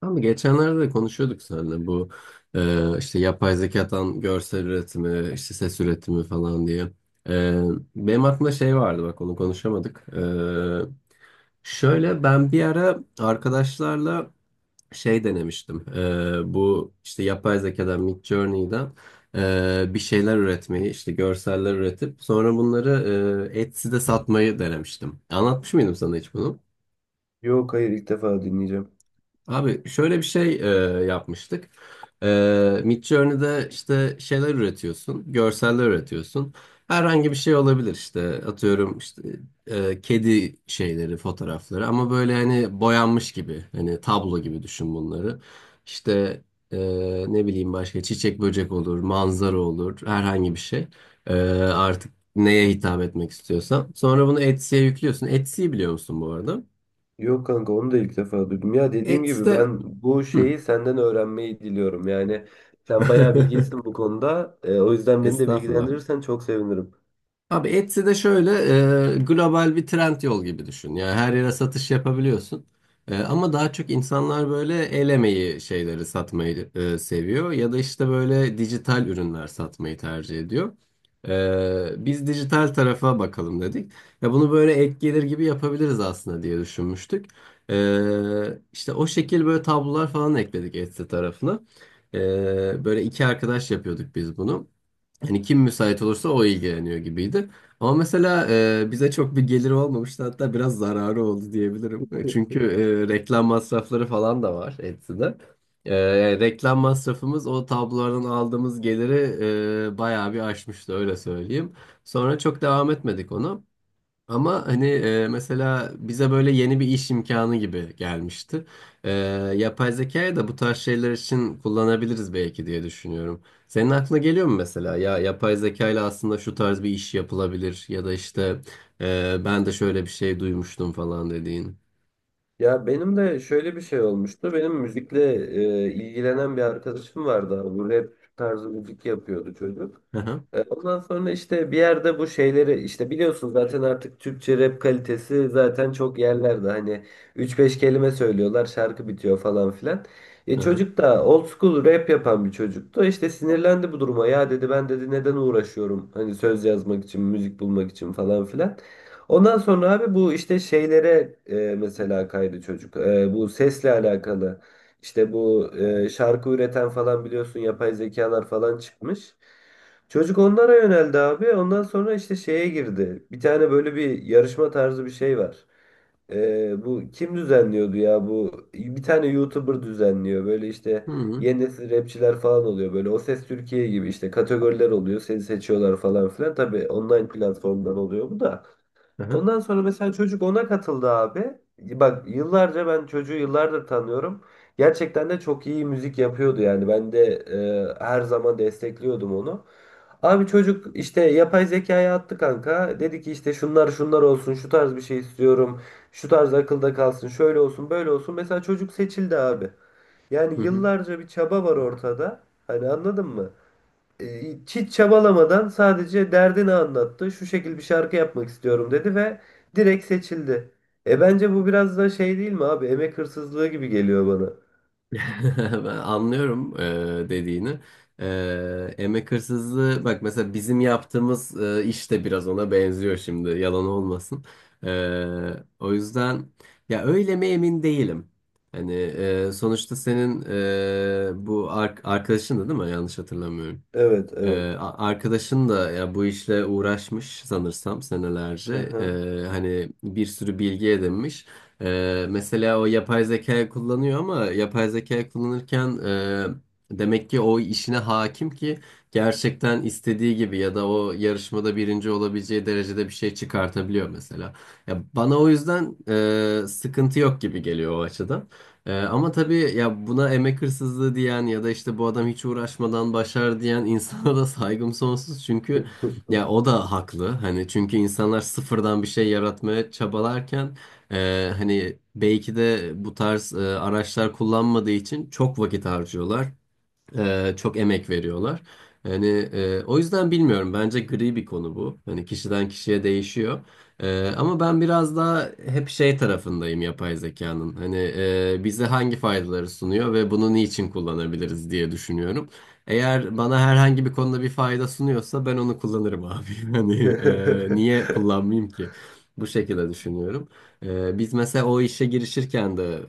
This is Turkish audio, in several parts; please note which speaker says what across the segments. Speaker 1: Ama geçenlerde de konuşuyorduk seninle bu işte yapay zekadan görsel üretimi, işte ses üretimi falan diye. E, benim aklımda şey vardı, bak onu konuşamadık. Şöyle ben bir ara arkadaşlarla şey denemiştim. Bu işte yapay zekadan Midjourney'den bir şeyler üretmeyi, işte görseller üretip sonra bunları Etsy'de satmayı denemiştim. Anlatmış mıydım sana hiç bunu?
Speaker 2: Yok, hayır, ilk defa dinleyeceğim.
Speaker 1: Abi şöyle bir şey yapmıştık. Midjourney'de işte şeyler üretiyorsun, görseller üretiyorsun. Herhangi bir şey olabilir işte. Atıyorum işte kedi şeyleri, fotoğrafları ama böyle hani boyanmış gibi, hani tablo gibi düşün bunları. İşte e, ne bileyim, başka çiçek böcek olur, manzara olur, herhangi bir şey. E, artık neye hitap etmek istiyorsan. Sonra bunu Etsy'ye yüklüyorsun. Etsy'yi biliyor musun bu arada?
Speaker 2: Yok kanka, onu da ilk defa duydum. Ya dediğim gibi
Speaker 1: Etsy'de.
Speaker 2: ben bu
Speaker 1: Hı.
Speaker 2: şeyi senden öğrenmeyi diliyorum. Yani sen bayağı bilgilisin bu konuda. O yüzden beni de
Speaker 1: Estağfurullah.
Speaker 2: bilgilendirirsen çok sevinirim.
Speaker 1: Abi Etsy de şöyle global bir trend yol gibi düşün. Yani her yere satış yapabiliyorsun. Ama daha çok insanlar böyle el emeği şeyleri satmayı seviyor. Ya da işte böyle dijital ürünler satmayı tercih ediyor. Biz dijital tarafa bakalım dedik. Ya bunu böyle ek gelir gibi yapabiliriz aslında diye düşünmüştük. E, işte o şekil böyle tablolar falan ekledik Etsy tarafına. E, böyle iki arkadaş yapıyorduk biz bunu. Hani kim müsait olursa o ilgileniyor gibiydi. Ama mesela bize çok bir geliri olmamıştı, hatta biraz zararı oldu diyebilirim. Çünkü reklam masrafları falan da var Etsy'de. Yani reklam masrafımız o tablolardan aldığımız geliri bayağı bir aşmıştı, öyle söyleyeyim. Sonra çok devam etmedik onu. Ama hani mesela bize böyle yeni bir iş imkanı gibi gelmişti. E, yapay zekayı da bu tarz şeyler için kullanabiliriz belki diye düşünüyorum. Senin aklına geliyor mu mesela? Ya yapay zeka ile aslında şu tarz bir iş yapılabilir ya da işte ben de şöyle bir şey duymuştum falan dediğin.
Speaker 2: Ya benim de şöyle bir şey olmuştu. Benim müzikle ilgilenen bir arkadaşım vardı abi. Bu rap tarzı müzik yapıyordu çocuk. Ondan sonra işte bir yerde bu şeyleri işte biliyorsun zaten, artık Türkçe rap kalitesi zaten çok yerlerde. Hani üç beş kelime söylüyorlar, şarkı bitiyor falan filan.
Speaker 1: Hı hı.
Speaker 2: Çocuk da old school rap yapan bir çocuktu. İşte sinirlendi bu duruma. Ya dedi ben, dedi, neden uğraşıyorum hani söz yazmak için, müzik bulmak için falan filan. Ondan sonra abi bu işte şeylere mesela kaydı çocuk. E, bu sesle alakalı. İşte bu şarkı üreten falan biliyorsun yapay zekalar falan çıkmış. Çocuk onlara yöneldi abi. Ondan sonra işte şeye girdi. Bir tane böyle bir yarışma tarzı bir şey var. E, bu kim düzenliyordu ya bu? Bir tane YouTuber düzenliyor. Böyle işte
Speaker 1: Hı hı.
Speaker 2: yeni nesil rapçiler falan oluyor. Böyle O Ses Türkiye gibi işte kategoriler oluyor. Seni seçiyorlar falan filan. Tabii online platformdan oluyor bu da.
Speaker 1: Hmm. Hı hı.
Speaker 2: Ondan sonra mesela çocuk ona katıldı abi. Bak yıllarca, ben çocuğu yıllardır tanıyorum. Gerçekten de çok iyi müzik yapıyordu yani. Ben de her zaman destekliyordum onu. Abi çocuk işte yapay zekaya attı kanka. Dedi ki işte şunlar şunlar olsun, şu tarz bir şey istiyorum. Şu tarz akılda kalsın, şöyle olsun, böyle olsun. Mesela çocuk seçildi abi. Yani
Speaker 1: Hı hı.
Speaker 2: yıllarca bir çaba var ortada. Hani anladın mı? Hiç çabalamadan sadece derdini anlattı. Şu şekil bir şarkı yapmak istiyorum dedi ve direkt seçildi. E, bence bu biraz da şey değil mi abi? Emek hırsızlığı gibi geliyor bana.
Speaker 1: Ben anlıyorum dediğini. Emek hırsızlığı, bak mesela bizim yaptığımız iş de biraz ona benziyor şimdi, yalan olmasın. E, o yüzden ya öyle mi, emin değilim. Hani sonuçta senin bu arkadaşın da, değil mi? Yanlış hatırlamıyorum.
Speaker 2: Evet,
Speaker 1: Ee,
Speaker 2: evet.
Speaker 1: a- arkadaşın da ya bu işle uğraşmış sanırsam
Speaker 2: Hı
Speaker 1: senelerce.
Speaker 2: hı.
Speaker 1: Hani bir sürü bilgi edinmiş. Mesela o yapay zeka kullanıyor ama yapay zeka kullanırken demek ki o işine hakim ki gerçekten istediği gibi, ya da o yarışmada birinci olabileceği derecede bir şey çıkartabiliyor mesela. Ya bana o yüzden sıkıntı yok gibi geliyor o açıdan. Ama tabii ya, buna emek hırsızlığı diyen ya da işte bu adam hiç uğraşmadan başar diyen insana da saygım sonsuz. Çünkü ya o da haklı. Hani çünkü insanlar sıfırdan bir şey yaratmaya çabalarken hani belki de bu tarz araçlar kullanmadığı için çok vakit harcıyorlar. Çok emek veriyorlar. Yani o yüzden bilmiyorum. Bence gri bir konu bu. Hani kişiden kişiye değişiyor. Ama ben biraz daha hep şey tarafındayım, yapay zekanın. Hani bize hangi faydaları sunuyor ve bunu niçin kullanabiliriz diye düşünüyorum. Eğer bana herhangi bir konuda bir fayda sunuyorsa ben onu kullanırım abi. Hani niye kullanmayayım ki? Bu şekilde düşünüyorum. Biz mesela o işe girişirken de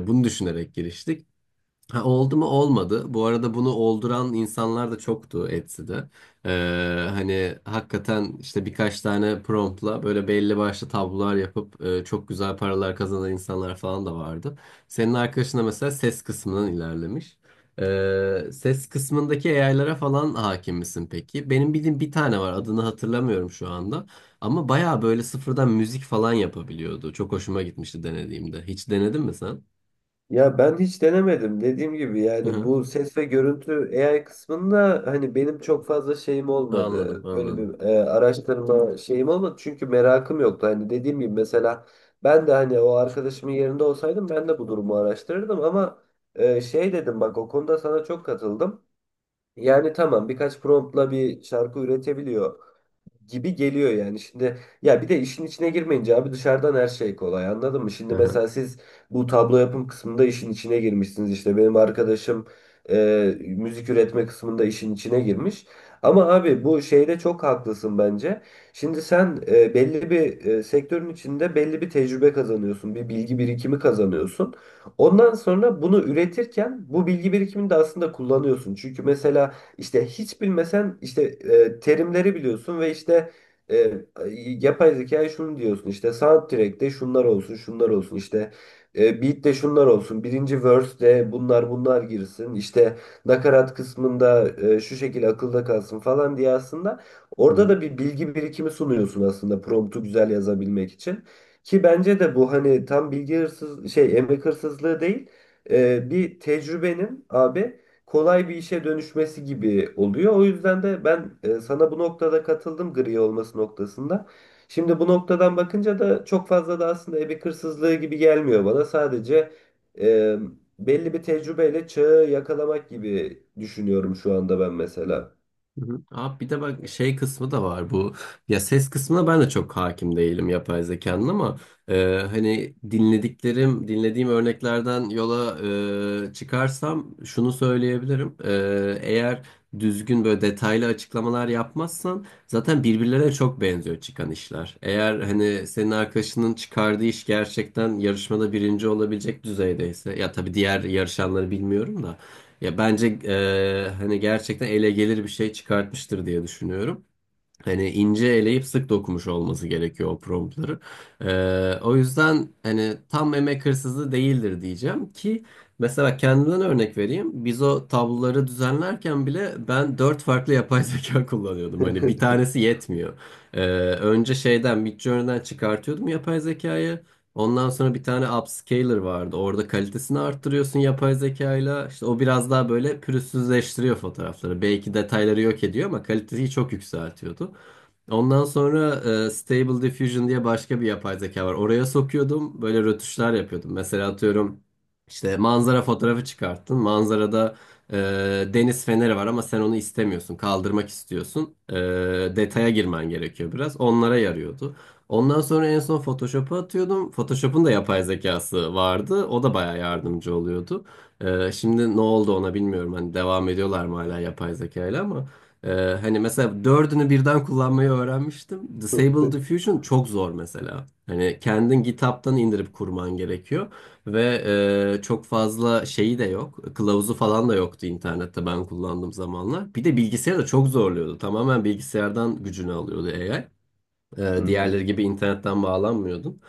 Speaker 1: bunu düşünerek giriştik. Ha, oldu mu olmadı. Bu arada bunu olduran insanlar da çoktu Etsy'de. Hani hakikaten işte birkaç tane promptla böyle belli başlı tablolar yapıp çok güzel paralar kazanan insanlar falan da vardı. Senin arkadaşın da mesela ses kısmından ilerlemiş. Ses kısmındaki AI'lara falan hakim misin peki? Benim bildiğim bir tane var, adını hatırlamıyorum şu anda. Ama baya böyle sıfırdan müzik falan yapabiliyordu. Çok hoşuma gitmişti denediğimde. Hiç denedin mi sen?
Speaker 2: Ya ben hiç denemedim. Dediğim gibi
Speaker 1: Hı
Speaker 2: yani
Speaker 1: hı.
Speaker 2: bu ses ve görüntü AI kısmında hani benim çok fazla şeyim
Speaker 1: Anladım,
Speaker 2: olmadı. Böyle
Speaker 1: anladım.
Speaker 2: bir araştırma şeyim olmadı. Çünkü merakım yoktu. Hani dediğim gibi mesela ben de hani o arkadaşımın yerinde olsaydım ben de bu durumu araştırırdım, ama şey dedim, bak o konuda sana çok katıldım. Yani tamam, birkaç promptla bir şarkı üretebiliyor gibi geliyor yani. Şimdi ya bir de işin içine girmeyince abi dışarıdan her şey kolay, anladın mı?
Speaker 1: Hı
Speaker 2: Şimdi
Speaker 1: hı.
Speaker 2: mesela siz bu tablo yapım kısmında işin içine girmişsiniz, işte benim arkadaşım müzik üretme kısmında işin içine girmiş. Ama abi bu şeyde çok haklısın bence. Şimdi sen belli bir sektörün içinde belli bir tecrübe kazanıyorsun, bir bilgi birikimi kazanıyorsun. Ondan sonra bunu üretirken bu bilgi birikimini de aslında kullanıyorsun. Çünkü mesela işte hiç bilmesen işte terimleri biliyorsun ve işte e, yapay zekaya şunu diyorsun, işte soundtrack'te şunlar olsun şunlar olsun, işte beat'te şunlar olsun, birinci verse'de bunlar bunlar girsin, işte nakarat kısmında şu şekilde akılda kalsın falan diye aslında
Speaker 1: Hı
Speaker 2: orada
Speaker 1: hı.
Speaker 2: da bir bilgi birikimi sunuyorsun aslında, promptu güzel yazabilmek için. Ki bence de bu hani tam bilgi hırsız şey, emek hırsızlığı değil, bir tecrübenin abi kolay bir işe dönüşmesi gibi oluyor. O yüzden de ben sana bu noktada katıldım, gri olması noktasında. Şimdi bu noktadan bakınca da çok fazla da aslında emek hırsızlığı gibi gelmiyor bana. Sadece e, belli bir tecrübeyle çağı yakalamak gibi düşünüyorum şu anda ben mesela.
Speaker 1: Hı hı. Abi bir de bak şey kısmı da var bu, ya ses kısmına ben de çok hakim değilim yapay zekanın ama hani dinlediklerim, dinlediğim örneklerden yola çıkarsam şunu söyleyebilirim. Eğer düzgün böyle detaylı açıklamalar yapmazsan zaten birbirlerine çok benziyor çıkan işler, eğer hani senin arkadaşının çıkardığı iş gerçekten yarışmada birinci olabilecek düzeydeyse, ya tabii diğer yarışanları bilmiyorum da, ya bence hani gerçekten ele gelir bir şey çıkartmıştır diye düşünüyorum. Hani ince eleyip sık dokumuş olması gerekiyor o promptları. O yüzden hani tam emek hırsızlığı değildir diyeceğim ki, mesela kendimden örnek vereyim. Biz o tabloları düzenlerken bile ben dört farklı yapay zeka kullanıyordum. Hani bir tanesi yetmiyor. Ee, önce şeyden, Midjourney'den çıkartıyordum yapay zekayı. Ondan sonra bir tane upscaler vardı. Orada kalitesini arttırıyorsun yapay zekayla. İşte o biraz daha böyle pürüzsüzleştiriyor fotoğrafları. Belki detayları yok ediyor ama kaliteyi çok yükseltiyordu. Ondan sonra Stable Diffusion diye başka bir yapay zeka var. Oraya sokuyordum, böyle rötuşlar yapıyordum. Mesela atıyorum, işte manzara fotoğrafı çıkarttın. Manzarada e, deniz feneri var ama sen onu istemiyorsun, kaldırmak istiyorsun. Detaya girmen gerekiyor biraz. Onlara yarıyordu. Ondan sonra en son Photoshop'a atıyordum. Photoshop'un da yapay zekası vardı. O da bayağı yardımcı oluyordu. Şimdi ne oldu ona bilmiyorum. Hani devam ediyorlar mı hala yapay zekayla, ama. Hani mesela dördünü birden kullanmayı öğrenmiştim. Disable Diffusion çok zor mesela. Hani kendin GitHub'tan indirip kurman gerekiyor. Ve çok fazla şeyi de yok. Kılavuzu falan da yoktu internette ben kullandığım zamanlar. Bir de bilgisayarı da çok zorluyordu. Tamamen bilgisayardan gücünü alıyordu AI.
Speaker 2: Hı
Speaker 1: Ee,
Speaker 2: hı.
Speaker 1: diğerleri gibi internetten bağlanmıyordum.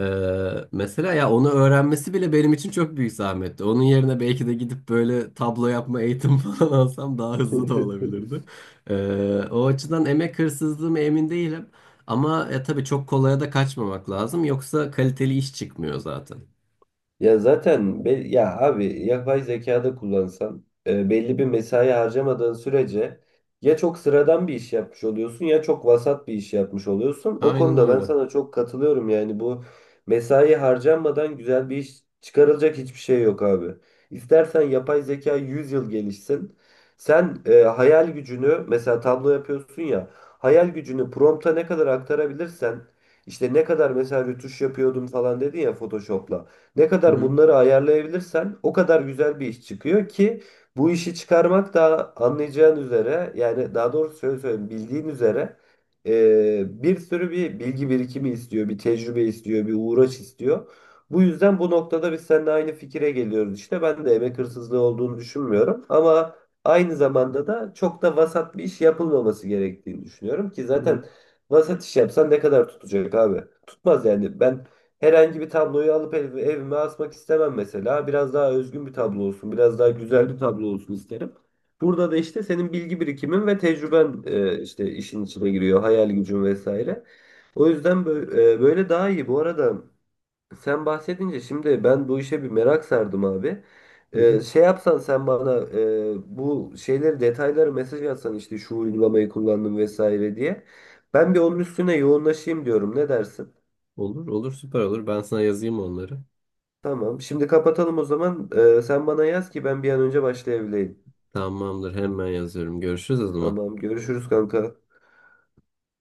Speaker 1: Ee, mesela ya onu öğrenmesi bile benim için çok büyük zahmetti. Onun yerine belki de gidip böyle tablo yapma eğitimi falan alsam daha hızlı da olabilirdi. Ee, o açıdan emek hırsızlığı mı, emin değilim. Ama tabii çok kolaya da kaçmamak lazım. Yoksa kaliteli iş çıkmıyor zaten.
Speaker 2: Ya zaten ya abi yapay zekada kullansan belli bir mesai harcamadığın sürece ya çok sıradan bir iş yapmış oluyorsun ya çok vasat bir iş yapmış oluyorsun. O
Speaker 1: Aynen
Speaker 2: konuda ben
Speaker 1: öyle.
Speaker 2: sana çok katılıyorum, yani bu mesai harcanmadan güzel bir iş çıkarılacak hiçbir şey yok abi. İstersen yapay zeka 100 yıl gelişsin. Sen hayal gücünü, mesela tablo yapıyorsun ya, hayal gücünü prompta ne kadar aktarabilirsen, işte ne kadar mesela rötuş yapıyordum falan dedin ya Photoshop'la. Ne
Speaker 1: Hı
Speaker 2: kadar
Speaker 1: hı,
Speaker 2: bunları ayarlayabilirsen o kadar güzel bir iş çıkıyor ki bu işi çıkarmak da anlayacağın üzere, yani daha doğrusu şöyle söyleyeyim, bildiğin üzere bir sürü bir bilgi birikimi istiyor, bir tecrübe istiyor, bir uğraş istiyor. Bu yüzden bu noktada biz seninle aynı fikire geliyoruz işte. Ben de emek hırsızlığı olduğunu düşünmüyorum, ama aynı zamanda da çok da vasat bir iş yapılmaması gerektiğini düşünüyorum ki
Speaker 1: hı hı,
Speaker 2: zaten vasat iş yapsan ne kadar tutacak abi? Tutmaz yani ben herhangi bir tabloyu alıp evime asmak istemem mesela. Biraz daha özgün bir tablo olsun, biraz daha güzel bir tablo olsun isterim. Burada da işte senin bilgi birikimin ve tecrüben işte işin içine giriyor, hayal gücün vesaire. O yüzden böyle, böyle daha iyi. Bu arada sen bahsedince şimdi ben bu işe bir merak sardım abi.
Speaker 1: hı hı.
Speaker 2: Şey yapsan sen bana bu şeyleri, detayları mesaj atsan, işte şu uygulamayı kullandım vesaire diye. Ben bir onun üstüne yoğunlaşayım diyorum. Ne dersin?
Speaker 1: Olur olur, süper olur. Ben sana yazayım onları.
Speaker 2: Tamam. Şimdi kapatalım o zaman. Sen bana yaz ki ben bir an önce başlayabileyim.
Speaker 1: Tamamdır, hemen yazıyorum. Görüşürüz o zaman.
Speaker 2: Tamam. Görüşürüz kanka.